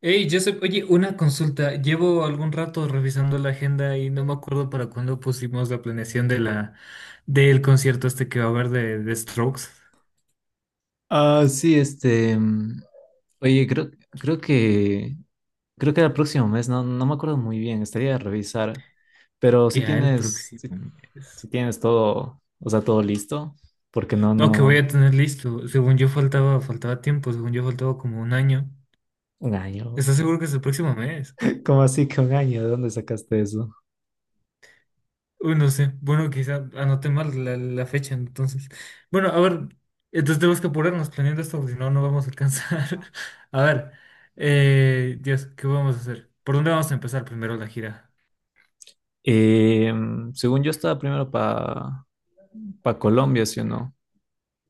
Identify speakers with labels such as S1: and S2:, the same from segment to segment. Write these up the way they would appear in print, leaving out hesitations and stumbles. S1: Hey, Joseph, oye, una consulta. Llevo algún rato revisando la agenda y no me acuerdo para cuándo pusimos la planeación de la del concierto este que va a haber de Strokes.
S2: Ah, sí, este. Oye, creo que. Creo que era el próximo mes, no, no me acuerdo muy bien, estaría a revisar. Pero si
S1: ¿Ya el
S2: tienes.
S1: próximo
S2: Si,
S1: mes?
S2: si tienes todo. O sea, todo listo. Porque
S1: No, que voy a
S2: no.
S1: tener listo. Según yo faltaba, faltaba tiempo, según yo faltaba como un año.
S2: Un año.
S1: ¿Estás seguro que es el próximo mes?
S2: ¿Cómo así que un año? ¿De dónde sacaste eso?
S1: Uy, no sé. Bueno, quizá anoté mal la fecha, entonces. Bueno, a ver, entonces tenemos que apurarnos planeando esto, porque si no, no vamos a alcanzar. A ver, Dios, ¿qué vamos a hacer? ¿Por dónde vamos a empezar primero la gira?
S2: Según yo estaba primero para pa Colombia, ¿sí o no?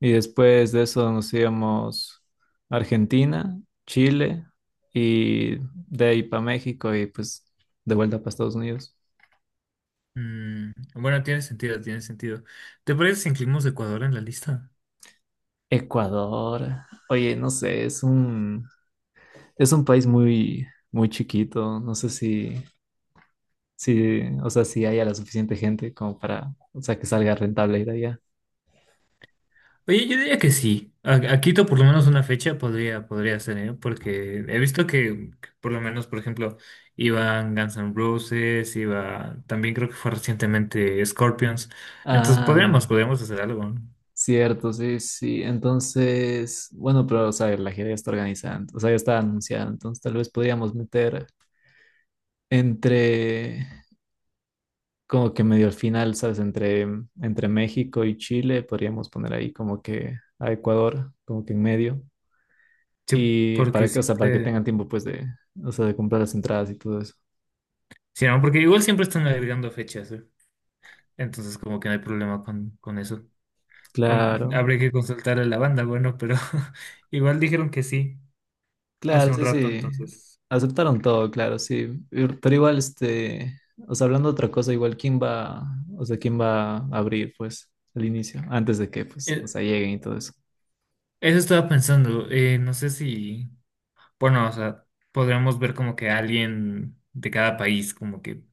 S2: Y después de eso nos íbamos a Argentina, Chile y de ahí para México y pues de vuelta para Estados Unidos.
S1: Mm, bueno, tiene sentido, tiene sentido. ¿Te parece si incluimos Ecuador en la lista?
S2: Ecuador. Oye, no sé, es un país muy muy chiquito, no sé si o sea, si haya la suficiente gente como para, o sea, que salga rentable ir allá.
S1: Oye, yo diría que sí. A Quito por lo menos una fecha podría, podría ser, ¿eh? Porque he visto que por lo menos, por ejemplo, iban Guns N' Roses, iba, también creo que fue recientemente Scorpions. Entonces podríamos,
S2: Ah,
S1: podríamos hacer algo, ¿no?
S2: cierto, sí, sí. Entonces, bueno, pero o sea, la gira ya está organizada, o sea, ya está anunciada, entonces tal vez podríamos meter entre, como que medio al final, ¿sabes? Entre México y Chile, podríamos poner ahí como que a Ecuador, como que en medio.
S1: Sí,
S2: Y
S1: porque
S2: para que, o sea, para que
S1: siempre,
S2: tengan tiempo, pues, de, o sea, de comprar las entradas y todo eso.
S1: sí, ¿no? Porque igual siempre están agregando fechas, ¿eh? Entonces como que no hay problema con eso. Aún
S2: Claro,
S1: habría que consultar a la banda, bueno, pero igual dijeron que sí hace
S2: claro,
S1: un
S2: sí,
S1: rato,
S2: sí.
S1: entonces.
S2: Aceptaron todo, claro, sí. Pero igual, este, o sea, hablando de otra cosa, igual, ¿quién va, o sea, quién va a abrir, pues, al inicio, antes de que, pues, o
S1: eh,
S2: sea, lleguen y todo eso?
S1: Eso estaba pensando, no sé si, bueno, o sea, podríamos ver como que alguien de cada país, como que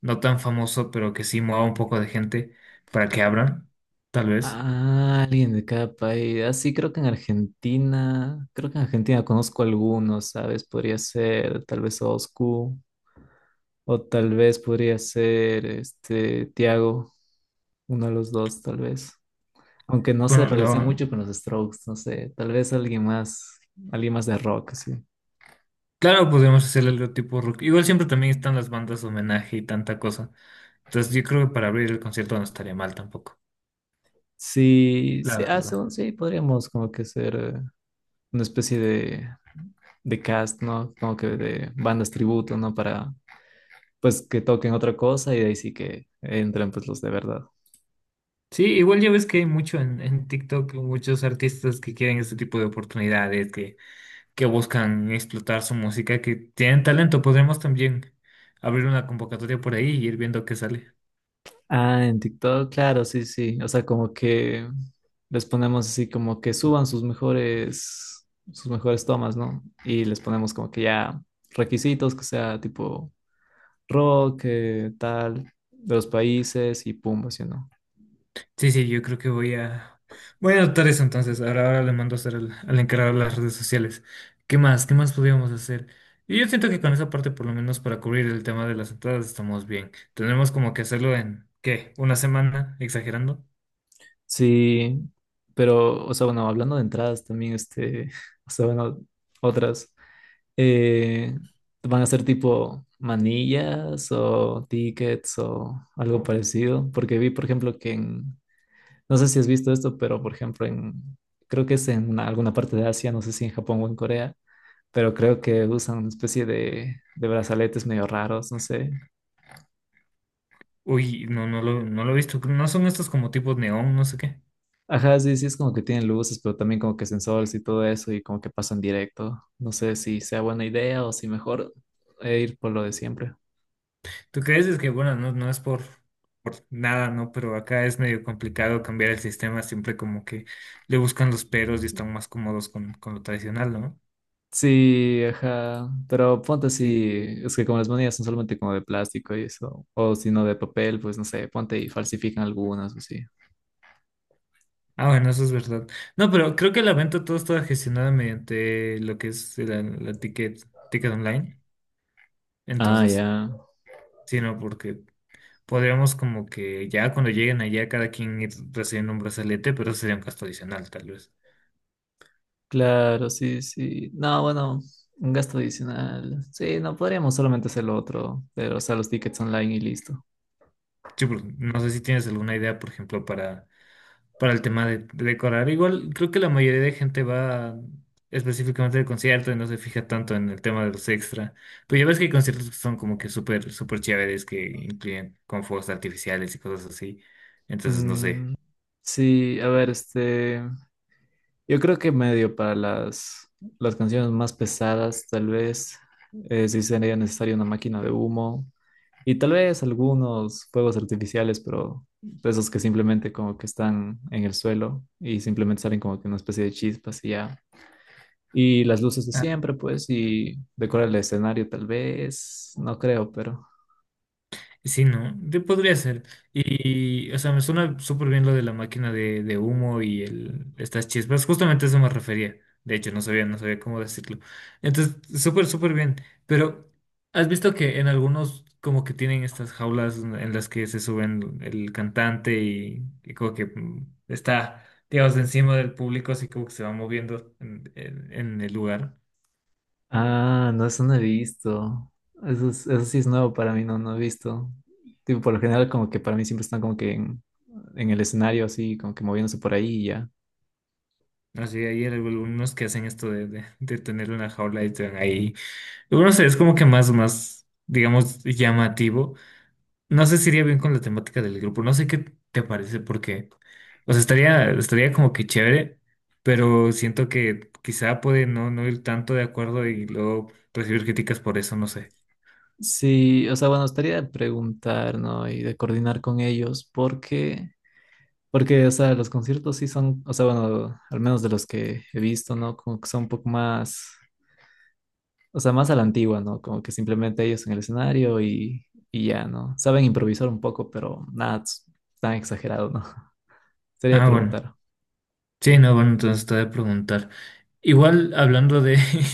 S1: no tan famoso, pero que sí mueva un poco de gente para que abran, tal vez.
S2: Ah, alguien de cada país. Así creo que en Argentina, creo que en Argentina conozco algunos, ¿sabes? Podría ser tal vez Oscu, o tal vez podría ser este Tiago, uno de los dos, tal vez. Aunque no se
S1: Bueno,
S2: relaciona
S1: lo-
S2: mucho con los Strokes, no sé, tal vez alguien más de rock, sí.
S1: claro, podríamos hacer algo tipo rock. Igual siempre también están las bandas de homenaje y tanta cosa. Entonces yo creo que para abrir el concierto no estaría mal tampoco,
S2: Sí,
S1: la
S2: sí, ah,
S1: verdad.
S2: según sí, podríamos como que ser una especie de cast, ¿no? Como que de bandas tributo, ¿no? Para pues que toquen otra cosa y de ahí sí que entran pues los de verdad.
S1: Sí, igual ya ves que hay mucho en TikTok, muchos artistas que quieren este tipo de oportunidades, que buscan explotar su música, que tienen talento. Podremos también abrir una convocatoria por ahí y ir viendo qué sale.
S2: Ah, en TikTok, claro, sí, sí. O sea, como que les ponemos así como que suban sus mejores tomas, ¿no? Y les ponemos como que ya requisitos, que sea tipo rock, tal, de los países y pum, así, ¿no?
S1: Sí, sí, yo creo que voy a anotar eso entonces. Ahora, ahora le mando a hacer al, al encargado de las redes sociales. ¿Qué más? ¿Qué más podríamos hacer? Y yo siento que con esa parte, por lo menos para cubrir el tema de las entradas, estamos bien. Tendremos como que hacerlo en, ¿qué? ¿Una semana? ¿Exagerando?
S2: Sí, pero, o sea, bueno, hablando de entradas también, este, o sea, bueno, otras. Eh, van a ser tipo manillas o tickets o algo parecido, porque vi, por ejemplo, que en, no sé si has visto esto, pero por ejemplo, en, creo que es en alguna parte de Asia, no sé si en Japón o en Corea, pero creo que usan una especie de brazaletes medio raros, no sé.
S1: Uy, no, no lo, no lo he visto. ¿No son estos como tipos neón, no sé qué?
S2: Ajá, sí, sí, es como que tienen luces, pero también como que sensores y todo eso y como que pasan directo. No sé si sea buena idea o si mejor ir por lo de siempre.
S1: ¿Tú crees? Es que, bueno, no, no es por nada, ¿no? Pero acá es medio complicado cambiar el sistema, siempre como que le buscan los peros y están más cómodos con lo tradicional, ¿no?
S2: Sí, ajá. Pero ponte
S1: Sí, sí,
S2: así,
S1: sí.
S2: es que como las monedas son solamente como de plástico y eso, o si no de papel, pues no sé, ponte y falsifican algunas o así.
S1: Ah, bueno, eso es verdad. No, pero creo que la venta todo está gestionada mediante lo que es la ticket, ticket online.
S2: Ah,
S1: Entonces,
S2: ya.
S1: sí, no, porque podríamos como que ya cuando lleguen allá cada quien ir recibiendo un brazalete, pero sería un gasto adicional, tal vez.
S2: Claro, sí, sí. No, bueno, un gasto adicional. Sí, no, podríamos solamente hacer lo otro, pero o sea, los tickets online y listo.
S1: Sí, porque no sé si tienes alguna idea, por ejemplo, para el tema de decorar. Igual creo que la mayoría de gente va específicamente de concierto y no se fija tanto en el tema de los extra. Pero ya ves que hay conciertos que son como que súper, súper chéveres que incluyen con fuegos artificiales y cosas así. Entonces, no sé.
S2: Mm, sí, a ver, este, yo creo que medio para las canciones más pesadas, tal vez, sí sería necesaria una máquina de humo. Y tal vez algunos fuegos artificiales, pero de esos que simplemente como que están en el suelo y simplemente salen como que una especie de chispas y ya. Y las luces de siempre, pues, y decorar el escenario tal vez, no creo, pero...
S1: Sí, ¿no? Podría ser. Y, o sea, me suena súper bien lo de la máquina de humo y el, estas chispas. Justamente a eso me refería. De hecho, no sabía, no sabía cómo decirlo. Entonces, súper, súper bien. Pero, ¿has visto que en algunos como que tienen estas jaulas en las que se suben el cantante y como que mm, está, digamos, encima del público, así como que se va moviendo en, en el lugar?
S2: Ah, no, eso no he visto. Eso sí es nuevo para mí, no, no he visto. Tipo, por lo general como que para mí siempre están como que en el escenario así, como que moviéndose por ahí y ya.
S1: Así, hay algunos que hacen esto de tener una jaula y están ahí. Yo creo que es como que más, más, digamos, llamativo. No sé si iría bien con la temática del grupo. No sé qué te parece, porque, o sea, estaría, estaría como que chévere, pero siento que quizá puede no, no ir tanto de acuerdo y luego recibir críticas por eso, no sé.
S2: Sí, o sea, bueno, estaría de preguntar, ¿no? Y de coordinar con ellos, porque, o sea, los conciertos sí son, o sea, bueno, al menos de los que he visto, ¿no? Como que son un poco más, o sea, más a la antigua, ¿no? Como que simplemente ellos en el escenario y ya, ¿no? Saben improvisar un poco, pero nada es tan exagerado, ¿no? Sería
S1: Ah, bueno.
S2: preguntar.
S1: Sí, no, bueno, entonces te voy a preguntar. Igual hablando de,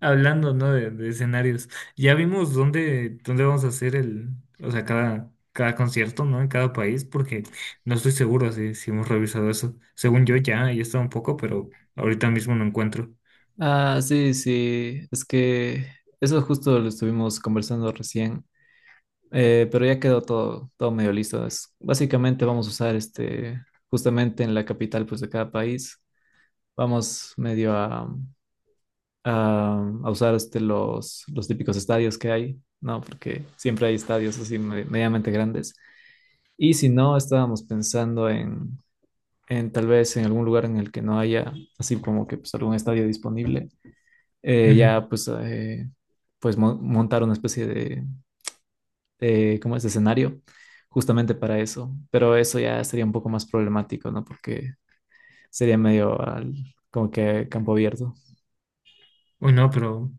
S1: hablando, ¿no? De escenarios, ya vimos dónde, dónde vamos a hacer el, o sea, cada, cada concierto, ¿no? En cada país, porque no estoy seguro si, si hemos revisado eso. Según yo ya, ya está un poco, pero ahorita mismo no encuentro.
S2: Ah, sí, sí, es que eso justo lo estuvimos conversando recién, pero ya quedó todo, todo medio listo. Básicamente vamos a usar este, justamente en la capital, pues, de cada país, vamos medio a, a usar este, los típicos estadios que hay, ¿no? Porque siempre hay estadios así medianamente grandes. Y si no, estábamos pensando en tal vez en algún lugar en el que no haya así como que pues, algún estadio disponible,
S1: Ujú.
S2: ya pues, pues montar una especie de, ¿cómo es? De escenario justamente para eso. Pero eso ya sería un poco más problemático, ¿no? Porque sería medio al, como que campo abierto.
S1: Uy, no, pero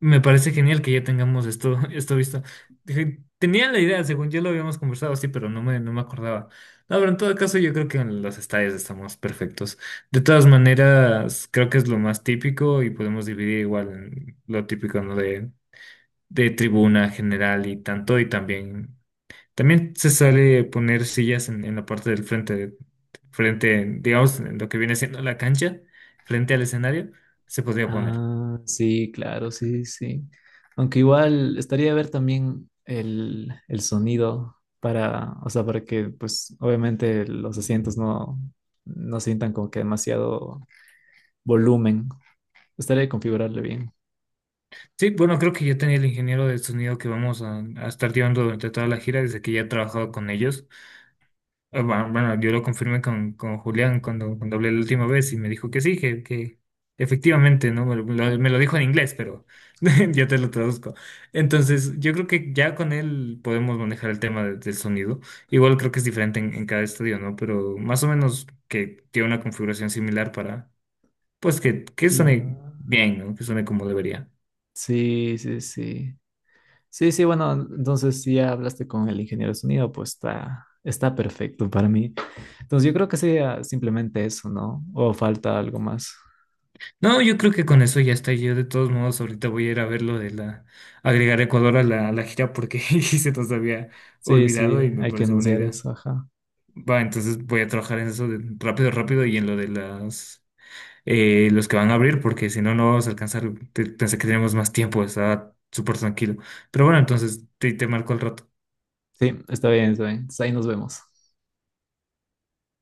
S1: me parece genial que ya tengamos esto, esto visto. Dije, tenía la idea, según yo lo habíamos conversado, así pero no me, no me acordaba. No, pero en todo caso yo creo que en los estadios estamos perfectos. De todas maneras, creo que es lo más típico y podemos dividir igual en lo típico, ¿no? De tribuna general y tanto, y también, también se sale poner sillas en la parte del frente, frente, digamos, en lo que viene siendo la cancha, frente al escenario, se podría poner.
S2: Ah, sí, claro, sí, sí. Aunque igual estaría ver también el sonido para, o sea, para que, pues, obviamente los asientos no, no sientan como que demasiado volumen. Estaría de configurarle bien.
S1: Sí, bueno, creo que ya tenía el ingeniero de sonido que vamos a estar llevando durante toda la gira, desde que ya he trabajado con ellos. Ah, bueno, bueno, yo lo confirmé con Julián cuando, cuando hablé la última vez y me dijo que sí, que efectivamente, ¿no? Me lo, me lo- me lo dijo en inglés, pero ya te lo traduzco. Entonces, yo creo que ya con él podemos manejar el tema del sonido. Igual creo que es diferente en cada estudio, ¿no? Pero más o menos que tiene una configuración similar para, pues, que suene
S2: Claro.
S1: bien, ¿no? Que suene como debería.
S2: Sí, sí, sí. Sí, sí, bueno, entonces si ya hablaste con el ingeniero de sonido, pues está, está perfecto para mí. Entonces yo creo que sería simplemente eso, ¿no? O falta algo más.
S1: No, yo creo que con eso ya está. Yo de todos modos ahorita voy a ir a ver lo de la agregar Ecuador a la gira porque se nos había
S2: Sí,
S1: olvidado
S2: sí,
S1: y me
S2: hay que
S1: parece buena
S2: anunciar
S1: idea.
S2: eso, ajá.
S1: Va, entonces voy a trabajar en eso de rápido, rápido y en lo de las los que van a abrir porque si no no vamos a alcanzar. Pensé que teníamos más tiempo, estaba súper tranquilo. Pero bueno, entonces te marco al rato.
S2: Sí, está bien, está bien. Entonces ahí nos vemos.